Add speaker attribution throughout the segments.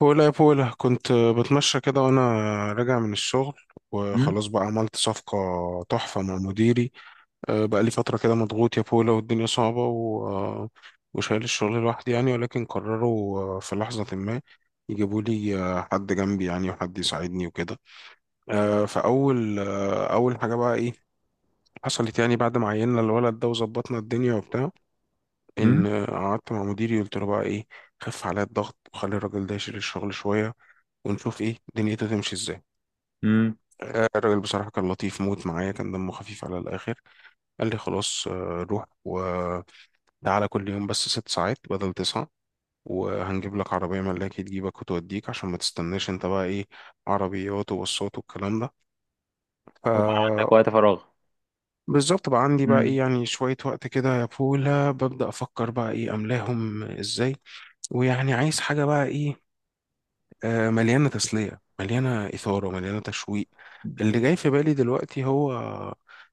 Speaker 1: بولا يا بولا كنت بتمشى كده وانا راجع من الشغل،
Speaker 2: مم،
Speaker 1: وخلاص بقى عملت صفقة تحفة مع مديري. بقى لي فترة كده مضغوط يا بولا، والدنيا صعبة و... أه، وشايل الشغل لوحدي يعني، ولكن قرروا في لحظة ما يجيبوا لي حد جنبي يعني، وحد يساعدني وكده. أه، فأول أه، أول حاجة بقى إيه حصلت يعني، بعد ما عيننا الولد ده وظبطنا الدنيا وبتاع،
Speaker 2: مم،
Speaker 1: ان قعدت مع مديري قلت له بقى ايه، خف عليا الضغط وخلي الراجل ده يشيل الشغل شويه، ونشوف ايه دنيته تمشي ازاي.
Speaker 2: مم.
Speaker 1: الراجل بصراحه كان لطيف موت معايا، كان دمه خفيف على الاخر. قال لي خلاص روح وتعالى كل يوم بس ست ساعات بدل تسعه، وهنجيب لك عربيه ملاكي تجيبك وتوديك عشان ما تستناش انت بقى ايه، عربيات وبصات والكلام ده.
Speaker 2: وبقى
Speaker 1: ف
Speaker 2: عندك وقت فراغ؟
Speaker 1: بالظبط بقى عندي بقى ايه
Speaker 2: مم،
Speaker 1: يعني، شوية وقت كده يا بولا، ببدأ أفكر بقى ايه أملاهم ازاي، ويعني عايز حاجة بقى ايه، مليانة تسلية مليانة إثارة مليانة تشويق. اللي جاي في بالي دلوقتي هو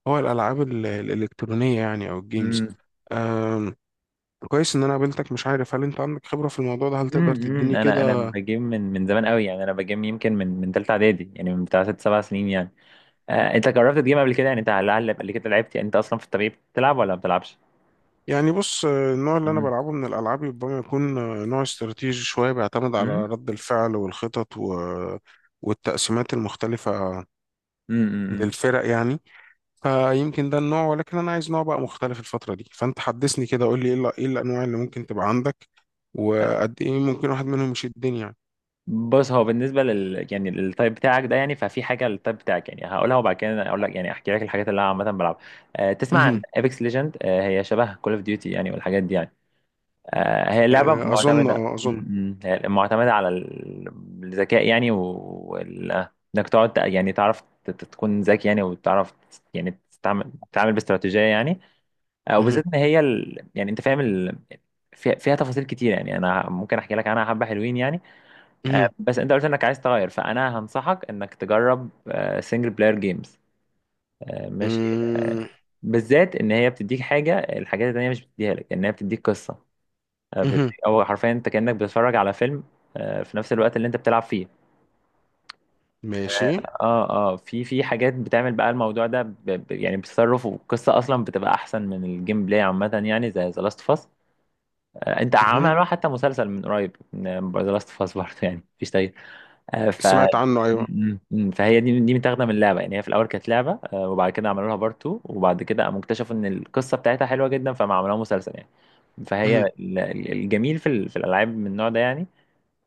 Speaker 1: هو الألعاب الإلكترونية يعني، أو
Speaker 2: مم،
Speaker 1: الجيمز. آم، كويس إن أنا قابلتك، مش عارف هل أنت عندك خبرة في الموضوع ده، هل
Speaker 2: مم،
Speaker 1: تقدر
Speaker 2: مم.
Speaker 1: تديني
Speaker 2: انا
Speaker 1: كده
Speaker 2: بجيم من زمان قوي، يعني انا بجيم يمكن من ثالثه اعدادي، يعني من بتاع 6 7 سنين يعني. انت جربت تجيم قبل كده؟ يعني انت لعل قبل كده لعبت، يعني انت اصلا في الطبيعي بتلعب ولا ما بتلعبش؟
Speaker 1: يعني. بص النوع اللي أنا
Speaker 2: مم،
Speaker 1: بلعبه من الألعاب ربما يكون نوع استراتيجي شوية، بيعتمد
Speaker 2: مم،
Speaker 1: على رد الفعل والخطط والتقسيمات المختلفة
Speaker 2: مم، مم.
Speaker 1: للفرق يعني. فيمكن ده النوع، ولكن انا عايز نوع بقى مختلف الفتره دي، فانت حدثني كده قول لي إيه الانواع اللي ممكن تبقى عندك، وقد ايه ممكن واحد منهم يشدني يعني.
Speaker 2: بص، هو بالنسبه يعني للتايب بتاعك ده، يعني ففي حاجه للتايب بتاعك يعني هقولها، وبعد كده اقول لك، يعني احكي لك الحاجات اللي انا عامه بلعبها. تسمع عن
Speaker 1: مهم.
Speaker 2: ايبكس ليجند؟ هي شبه كول اوف ديوتي يعني، والحاجات دي يعني. هي لعبة
Speaker 1: آه، اظن
Speaker 2: معتمدة
Speaker 1: اه
Speaker 2: م-
Speaker 1: اظن
Speaker 2: م. هي معتمدة على الذكاء يعني انك تقعد يعني تعرف تكون ذكي يعني، وتعرف يعني تتعامل باستراتيجية يعني.
Speaker 1: مهم.
Speaker 2: وبالذات ان هي يعني انت فاهم فيها تفاصيل كتير يعني، انا ممكن احكي لك عنها حبة حلوين يعني.
Speaker 1: مهم.
Speaker 2: بس انت قلت انك عايز تغير، فانا هنصحك انك تجرب سنجل بلاير جيمز. ماشي. آه،
Speaker 1: مم.
Speaker 2: بالذات ان هي بتديك الحاجات التانية مش بتديها لك، ان هي بتديك قصة.
Speaker 1: مهم.
Speaker 2: هو حرفيا انت كأنك بتتفرج على فيلم، في نفس الوقت اللي انت بتلعب فيه.
Speaker 1: ماشي.
Speaker 2: اه في في حاجات بتعمل بقى الموضوع ده ب ب يعني بتصرف، والقصه اصلا بتبقى احسن من الجيم بلاي عامه، يعني زي ذا لاست اوف اس. انت
Speaker 1: مهم.
Speaker 2: عملوا حتى مسلسل من قريب، ذا لاست اوف اس برضه، يعني مفيش تغيير. آه، ف
Speaker 1: سمعت عنه ايوه.
Speaker 2: فهي دي متاخده من اللعبه يعني. هي في الاول كانت لعبه، وبعد كده عملوا لها بارت 2، وبعد كده قاموا اكتشفوا ان القصه بتاعتها حلوه جدا، فما عملوها مسلسل يعني. فهي
Speaker 1: مهم.
Speaker 2: الجميل في في الالعاب من النوع ده يعني،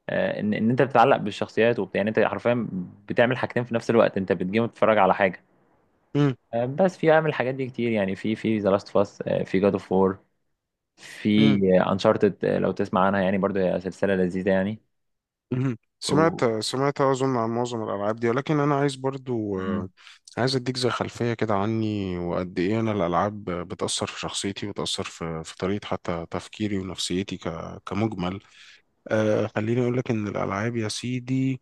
Speaker 2: ان انت بتتعلق بالشخصيات وبتاع يعني. انت حرفيا بتعمل حاجتين في نفس الوقت: انت بتجيم وتتفرج على حاجه. بس في اعمل الحاجات دي كتير يعني، في ذا لاست اوف اس، في جاد اوف وور،
Speaker 1: مهم.
Speaker 2: في انشارتد لو تسمع عنها يعني، برضو هي سلسله لذيذه يعني
Speaker 1: مهم.
Speaker 2: و...
Speaker 1: سمعت أظن عن معظم الألعاب دي، ولكن أنا عايز برضو
Speaker 2: مم.
Speaker 1: عايز أديك زي خلفية كده عني، وقد إيه أنا الألعاب بتأثر في شخصيتي، وتأثر في طريقة حتى تفكيري ونفسيتي كمجمل. آه خليني أقول لك إن الألعاب يا سيدي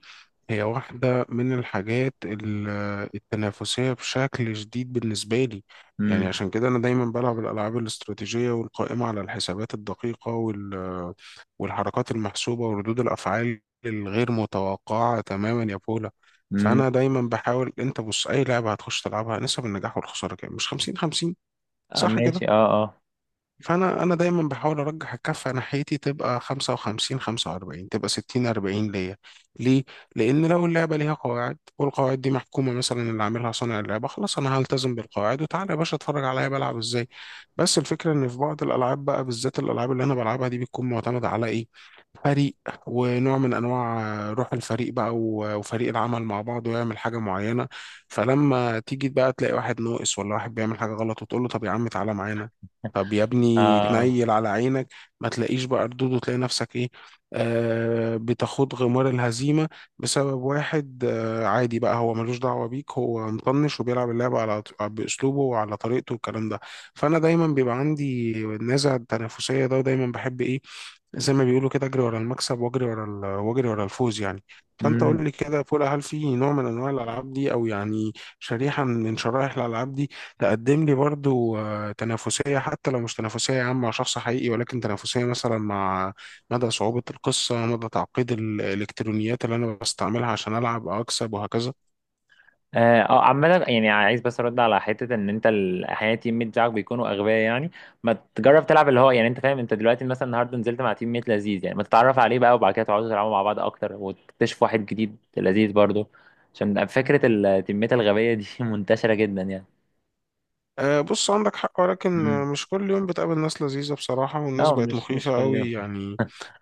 Speaker 1: هي واحدة من الحاجات التنافسية بشكل شديد بالنسبة لي. يعني
Speaker 2: مم.
Speaker 1: عشان كده أنا دايما بلعب الألعاب الاستراتيجية والقائمة على الحسابات الدقيقة والحركات المحسوبة وردود الأفعال الغير متوقعة تماما يا بولا.
Speaker 2: مم.
Speaker 1: فأنا دايما بحاول، أنت بص أي لعبة هتخش تلعبها نسب النجاح والخسارة كام؟ مش 50-50، صح كده؟
Speaker 2: ماشي، اه،
Speaker 1: فانا دايما بحاول ارجح الكفه ناحيتي، تبقى 55-45، تبقى 60-40 ليا. ليه؟ لان لو اللعبه ليها قواعد، والقواعد دي محكومه مثلا اللي عاملها صانع اللعبه، خلاص انا هلتزم بالقواعد، وتعالى يا باشا اتفرج عليا بلعب ازاي. بس الفكره ان في بعض الالعاب بقى، بالذات الالعاب اللي انا بلعبها دي، بتكون معتمده على ايه، فريق. ونوع من انواع روح الفريق بقى وفريق العمل مع بعض، ويعمل حاجه معينه. فلما تيجي بقى تلاقي واحد ناقص، ولا واحد بيعمل حاجه غلط، وتقول له طب يا عم تعالى معانا، طب يا ابني
Speaker 2: اه،
Speaker 1: تنيل على عينك، ما تلاقيش بقى ردود، وتلاقي نفسك ايه، آه بتاخد غمار الهزيمة بسبب واحد آه عادي بقى، هو ملوش دعوة بيك، هو مطنش وبيلعب اللعبة على بأسلوبه وعلى طريقته والكلام ده. فأنا دايما بيبقى عندي النزعة التنافسية ده، ودايما بحب ايه، زي ما بيقولوا كده، اجري ورا المكسب، واجري ورا الفوز يعني. فانت
Speaker 2: اه،
Speaker 1: قول لي كده يا فولا، هل في نوع من انواع الالعاب دي، او يعني شريحه من شرائح الالعاب دي، تقدم لي برضو تنافسية، حتى لو مش تنافسية عامة مع شخص حقيقي، ولكن تنافسية مثلا مع مدى صعوبة القصة، مدى تعقيد الإلكترونيات اللي أنا بستعملها عشان ألعب أو أكسب وهكذا.
Speaker 2: اه. عامة يعني عايز بس ارد على حتة ان انت احيانا التيم ميت بتاعك بيكونوا اغبياء يعني. ما تجرب تلعب اللي هو يعني، انت فاهم، انت دلوقتي مثلا النهارده نزلت مع تيم ميت لذيذ يعني، ما تتعرف عليه بقى، وبعد كده تقعدوا تلعبوا مع بعض اكتر وتكتشف واحد جديد لذيذ برضه. عشان فكرة التيمات الغبية دي منتشرة جدا يعني.
Speaker 1: بص عندك حق، ولكن
Speaker 2: امم.
Speaker 1: مش كل يوم بتقابل ناس لذيذة بصراحة، والناس
Speaker 2: لا،
Speaker 1: بقت
Speaker 2: مش
Speaker 1: مخيفة
Speaker 2: كل يوم.
Speaker 1: قوي يعني.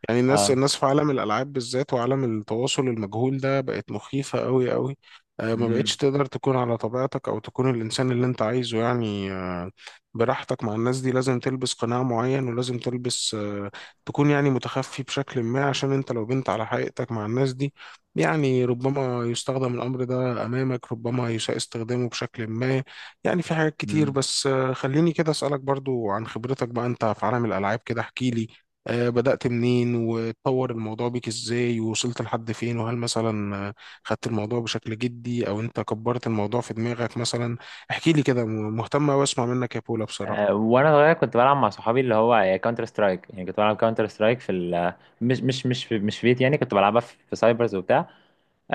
Speaker 1: يعني الناس
Speaker 2: اه.
Speaker 1: الناس في عالم الألعاب بالذات، وعالم التواصل المجهول ده، بقت مخيفة قوي قوي. ما بقتش
Speaker 2: امم.
Speaker 1: تقدر تكون على طبيعتك، أو تكون الإنسان اللي أنت عايزه يعني، براحتك مع الناس دي. لازم تلبس قناع معين، ولازم تلبس تكون يعني متخفي بشكل ما، عشان أنت لو بنت على حقيقتك مع الناس دي، يعني ربما يستخدم الأمر ده أمامك، ربما يساء استخدامه بشكل ما. يعني في حاجات كتير،
Speaker 2: امم.
Speaker 1: بس خليني كده أسألك برضو عن خبرتك بقى أنت في عالم الألعاب كده، احكيلي بدأت منين، وتطور الموضوع بيك ازاي، ووصلت لحد فين، وهل مثلا خدت الموضوع بشكل جدي، او انت كبرت الموضوع في دماغك مثلا. احكي لي كده مهتم واسمع منك يا بولا بصراحة.
Speaker 2: وانا صغير كنت بلعب مع صحابي، اللي هو كاونتر سترايك يعني. كنت بلعب كاونتر سترايك في مش في بيت يعني. كنت بلعبها في سايبرز وبتاع.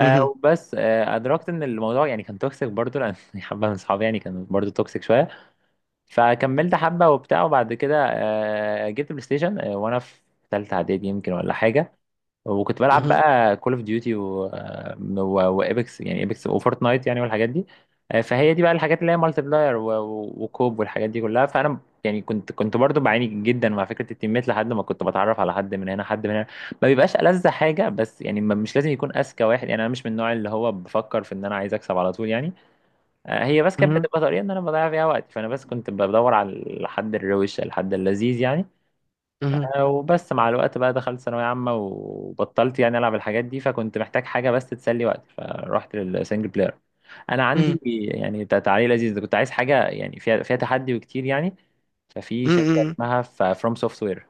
Speaker 1: مهم.
Speaker 2: بس آه ادركت ان الموضوع يعني كان توكسيك برضو، لان حبه من صحابي يعني كانوا برضو توكسيك شويه، فكملت حبه وبتاع. وبعد كده جبت بلاي ستيشن، وانا في ثالثه اعدادي يمكن ولا حاجه. وكنت بلعب
Speaker 1: مهم.
Speaker 2: بقى كول اوف ديوتي، وايبكس يعني، ايبكس وفورتنايت يعني والحاجات دي. فهي دي بقى الحاجات اللي هي مالتي بلاير وكوب والحاجات دي كلها. فانا يعني كنت برضو بعاني جدا مع فكره التيمات، لحد ما كنت بتعرف على حد من هنا حد من هنا ما بيبقاش ألذ حاجه. بس يعني مش لازم يكون اذكى واحد يعني، انا مش من النوع اللي هو بفكر في ان انا عايز اكسب على طول يعني. هي بس كانت
Speaker 1: مهم.
Speaker 2: بتبقى طريقه ان انا بضيع فيها وقت، فانا بس كنت بدور على الحد الروش، الحد اللذيذ يعني.
Speaker 1: مهم.
Speaker 2: وبس مع الوقت بقى، دخلت ثانوية عامة وبطلت يعني ألعب الحاجات دي، فكنت محتاج حاجة بس تسلي وقتي، فرحت للسنجل بلاير. أنا
Speaker 1: مم.
Speaker 2: عندي يعني تعليق لذيذ. كنت عايز حاجة يعني فيها تحدي وكتير يعني. ففي شركة
Speaker 1: مم.
Speaker 2: اسمها فروم سوفت وير.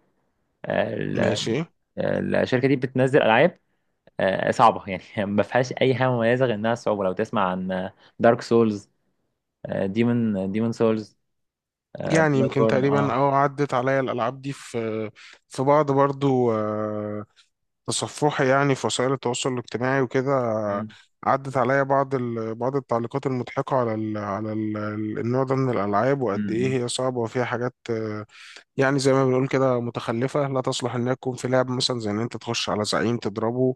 Speaker 1: ماشي.
Speaker 2: الشركة دي بتنزل ألعاب صعبة يعني ما فيهاش أي حاجة مميزة غير إنها صعوبة. لو تسمع عن دارك سولز، ديمون سولز،
Speaker 1: يعني
Speaker 2: بلاد
Speaker 1: يمكن
Speaker 2: بورن،
Speaker 1: تقريبا اه عدت عليا الالعاب دي، في في بعض برضو تصفحي يعني في وسائل التواصل الاجتماعي وكده.
Speaker 2: مم.
Speaker 1: عدت عليا بعض بعض التعليقات المضحكة على النوع ده من الألعاب،
Speaker 2: مم.
Speaker 1: وقد إيه
Speaker 2: مم.
Speaker 1: هي صعبة وفيها حاجات يعني زي ما بنقول كده متخلفة، لا تصلح إنها تكون في لعب، مثلا زي إن أنت تخش على زعيم تضربه،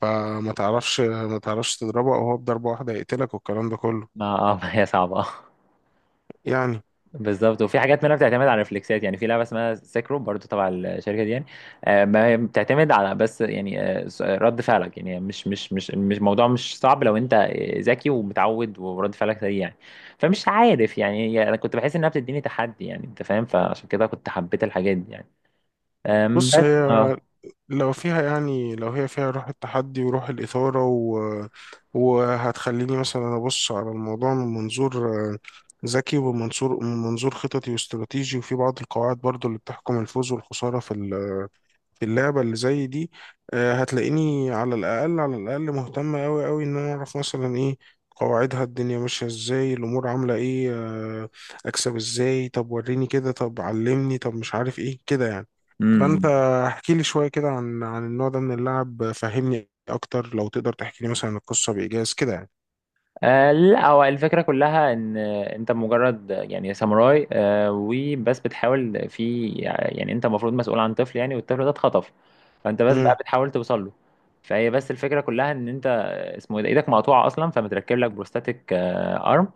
Speaker 1: فما تعرفش ما تعرفش تضربه، أو هو بضربة واحدة يقتلك والكلام ده كله
Speaker 2: ما ما هي صعبة.
Speaker 1: يعني.
Speaker 2: بالظبط. وفي حاجات منها بتعتمد على ريفلكسات يعني، في لعبه اسمها سيكرو برضو تبع الشركه دي يعني. ما هي بتعتمد على بس يعني رد فعلك يعني. مش الموضوع مش صعب لو انت ذكي ومتعود ورد فعلك سريع يعني. فمش عارف يعني انا كنت بحس انها بتديني تحدي يعني، انت فاهم، فعشان كده كنت حبيت الحاجات دي يعني.
Speaker 1: بص
Speaker 2: بس
Speaker 1: هي، لو هي فيها روح التحدي وروح الإثارة وهتخليني مثلا أبص على الموضوع من منظور ذكي، ومن منظور خططي واستراتيجي، وفي بعض القواعد برضو اللي بتحكم الفوز والخسارة في في اللعبة اللي زي دي، هتلاقيني على الأقل على الأقل مهتم أوي أوي إن أنا أعرف مثلا إيه قواعدها، الدنيا ماشية إزاي، الأمور عاملة إيه، آه، أكسب إزاي، طب وريني كده، طب علمني، طب مش عارف إيه كده يعني. فأنت
Speaker 2: امم.
Speaker 1: احكي لي شوية كده عن النوع ده من اللعب، فهمني أكتر لو تقدر تحكي لي مثلا القصة بإيجاز كده يعني.
Speaker 2: لا، هو الفكرة كلها ان انت مجرد يعني ساموراي، وبس بتحاول يعني انت المفروض مسؤول عن طفل يعني، والطفل ده اتخطف، فانت بس بقى
Speaker 1: مم.
Speaker 2: بتحاول توصل له. فهي بس الفكرة كلها ان انت، اسمه ايه ده، ايدك مقطوعة اصلا، فمتركب لك بروستاتيك ارم،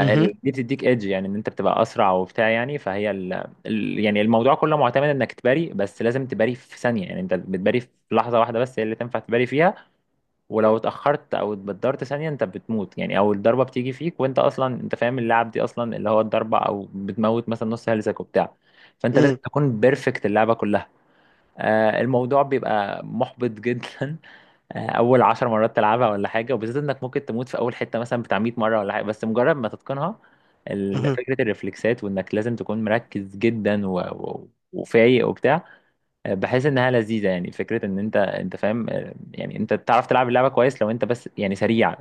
Speaker 1: مهم.
Speaker 2: بتديك ايدج يعني، ان انت بتبقى اسرع وبتاع يعني. فهي يعني الموضوع كله معتمد انك تباري، بس لازم تباري في ثانية يعني. انت بتباري في لحظة واحدة بس هي اللي تنفع تباري فيها. ولو اتأخرت أو اتبدرت ثانية أنت بتموت يعني، أو الضربة بتيجي فيك وأنت أصلا أنت فاهم اللعب دي، أصلا اللي هو الضربة أو بتموت مثلا نص هلسك وبتاع. فأنت لازم
Speaker 1: مم.
Speaker 2: تكون بيرفكت اللعبة كلها. الموضوع بيبقى محبط جدا. أول 10 مرات تلعبها ولا حاجة، وبالذات إنك ممكن تموت في أول حتة مثلا بتاع 100 مرة ولا حاجة. بس مجرد ما تتقنها
Speaker 1: مهم.
Speaker 2: فكرة الرفلكسات، وإنك لازم تكون مركز جدا وفايق وبتاع، بحيث انها لذيذه يعني. فكره ان انت فاهم يعني، انت تعرف تلعب اللعبه كويس لو انت بس يعني سريع.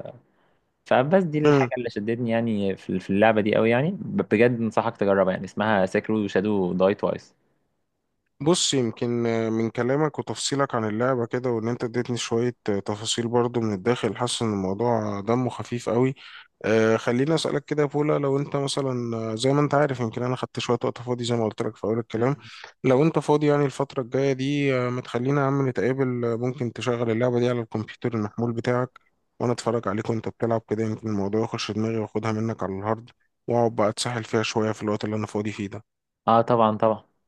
Speaker 2: فبس دي الحاجه اللي شدتني يعني في اللعبه دي قوي يعني. بجد انصحك تجربها يعني، اسمها سكرو شادو داي توايس.
Speaker 1: بص يمكن من كلامك وتفصيلك عن اللعبة كده، وإن أنت اديتني شوية تفاصيل برضو من الداخل، حاسس إن الموضوع دمه خفيف قوي. آه خليني أسألك كده يا بولا، لو أنت مثلا زي ما أنت عارف يمكن أنا خدت شوية وقت فاضي زي ما قلت لك في أول الكلام. لو أنت فاضي يعني الفترة الجاية دي ما تخلينا يا عم نتقابل، ممكن تشغل اللعبة دي على الكمبيوتر المحمول بتاعك، وأنا أتفرج عليك وأنت بتلعب كده، يمكن الموضوع يخش دماغي، وأخدها منك على الهارد، وأقعد بقى أتسحل فيها شوية في الوقت اللي أنا فاضي فيه ده.
Speaker 2: اه، طبعا طبعا.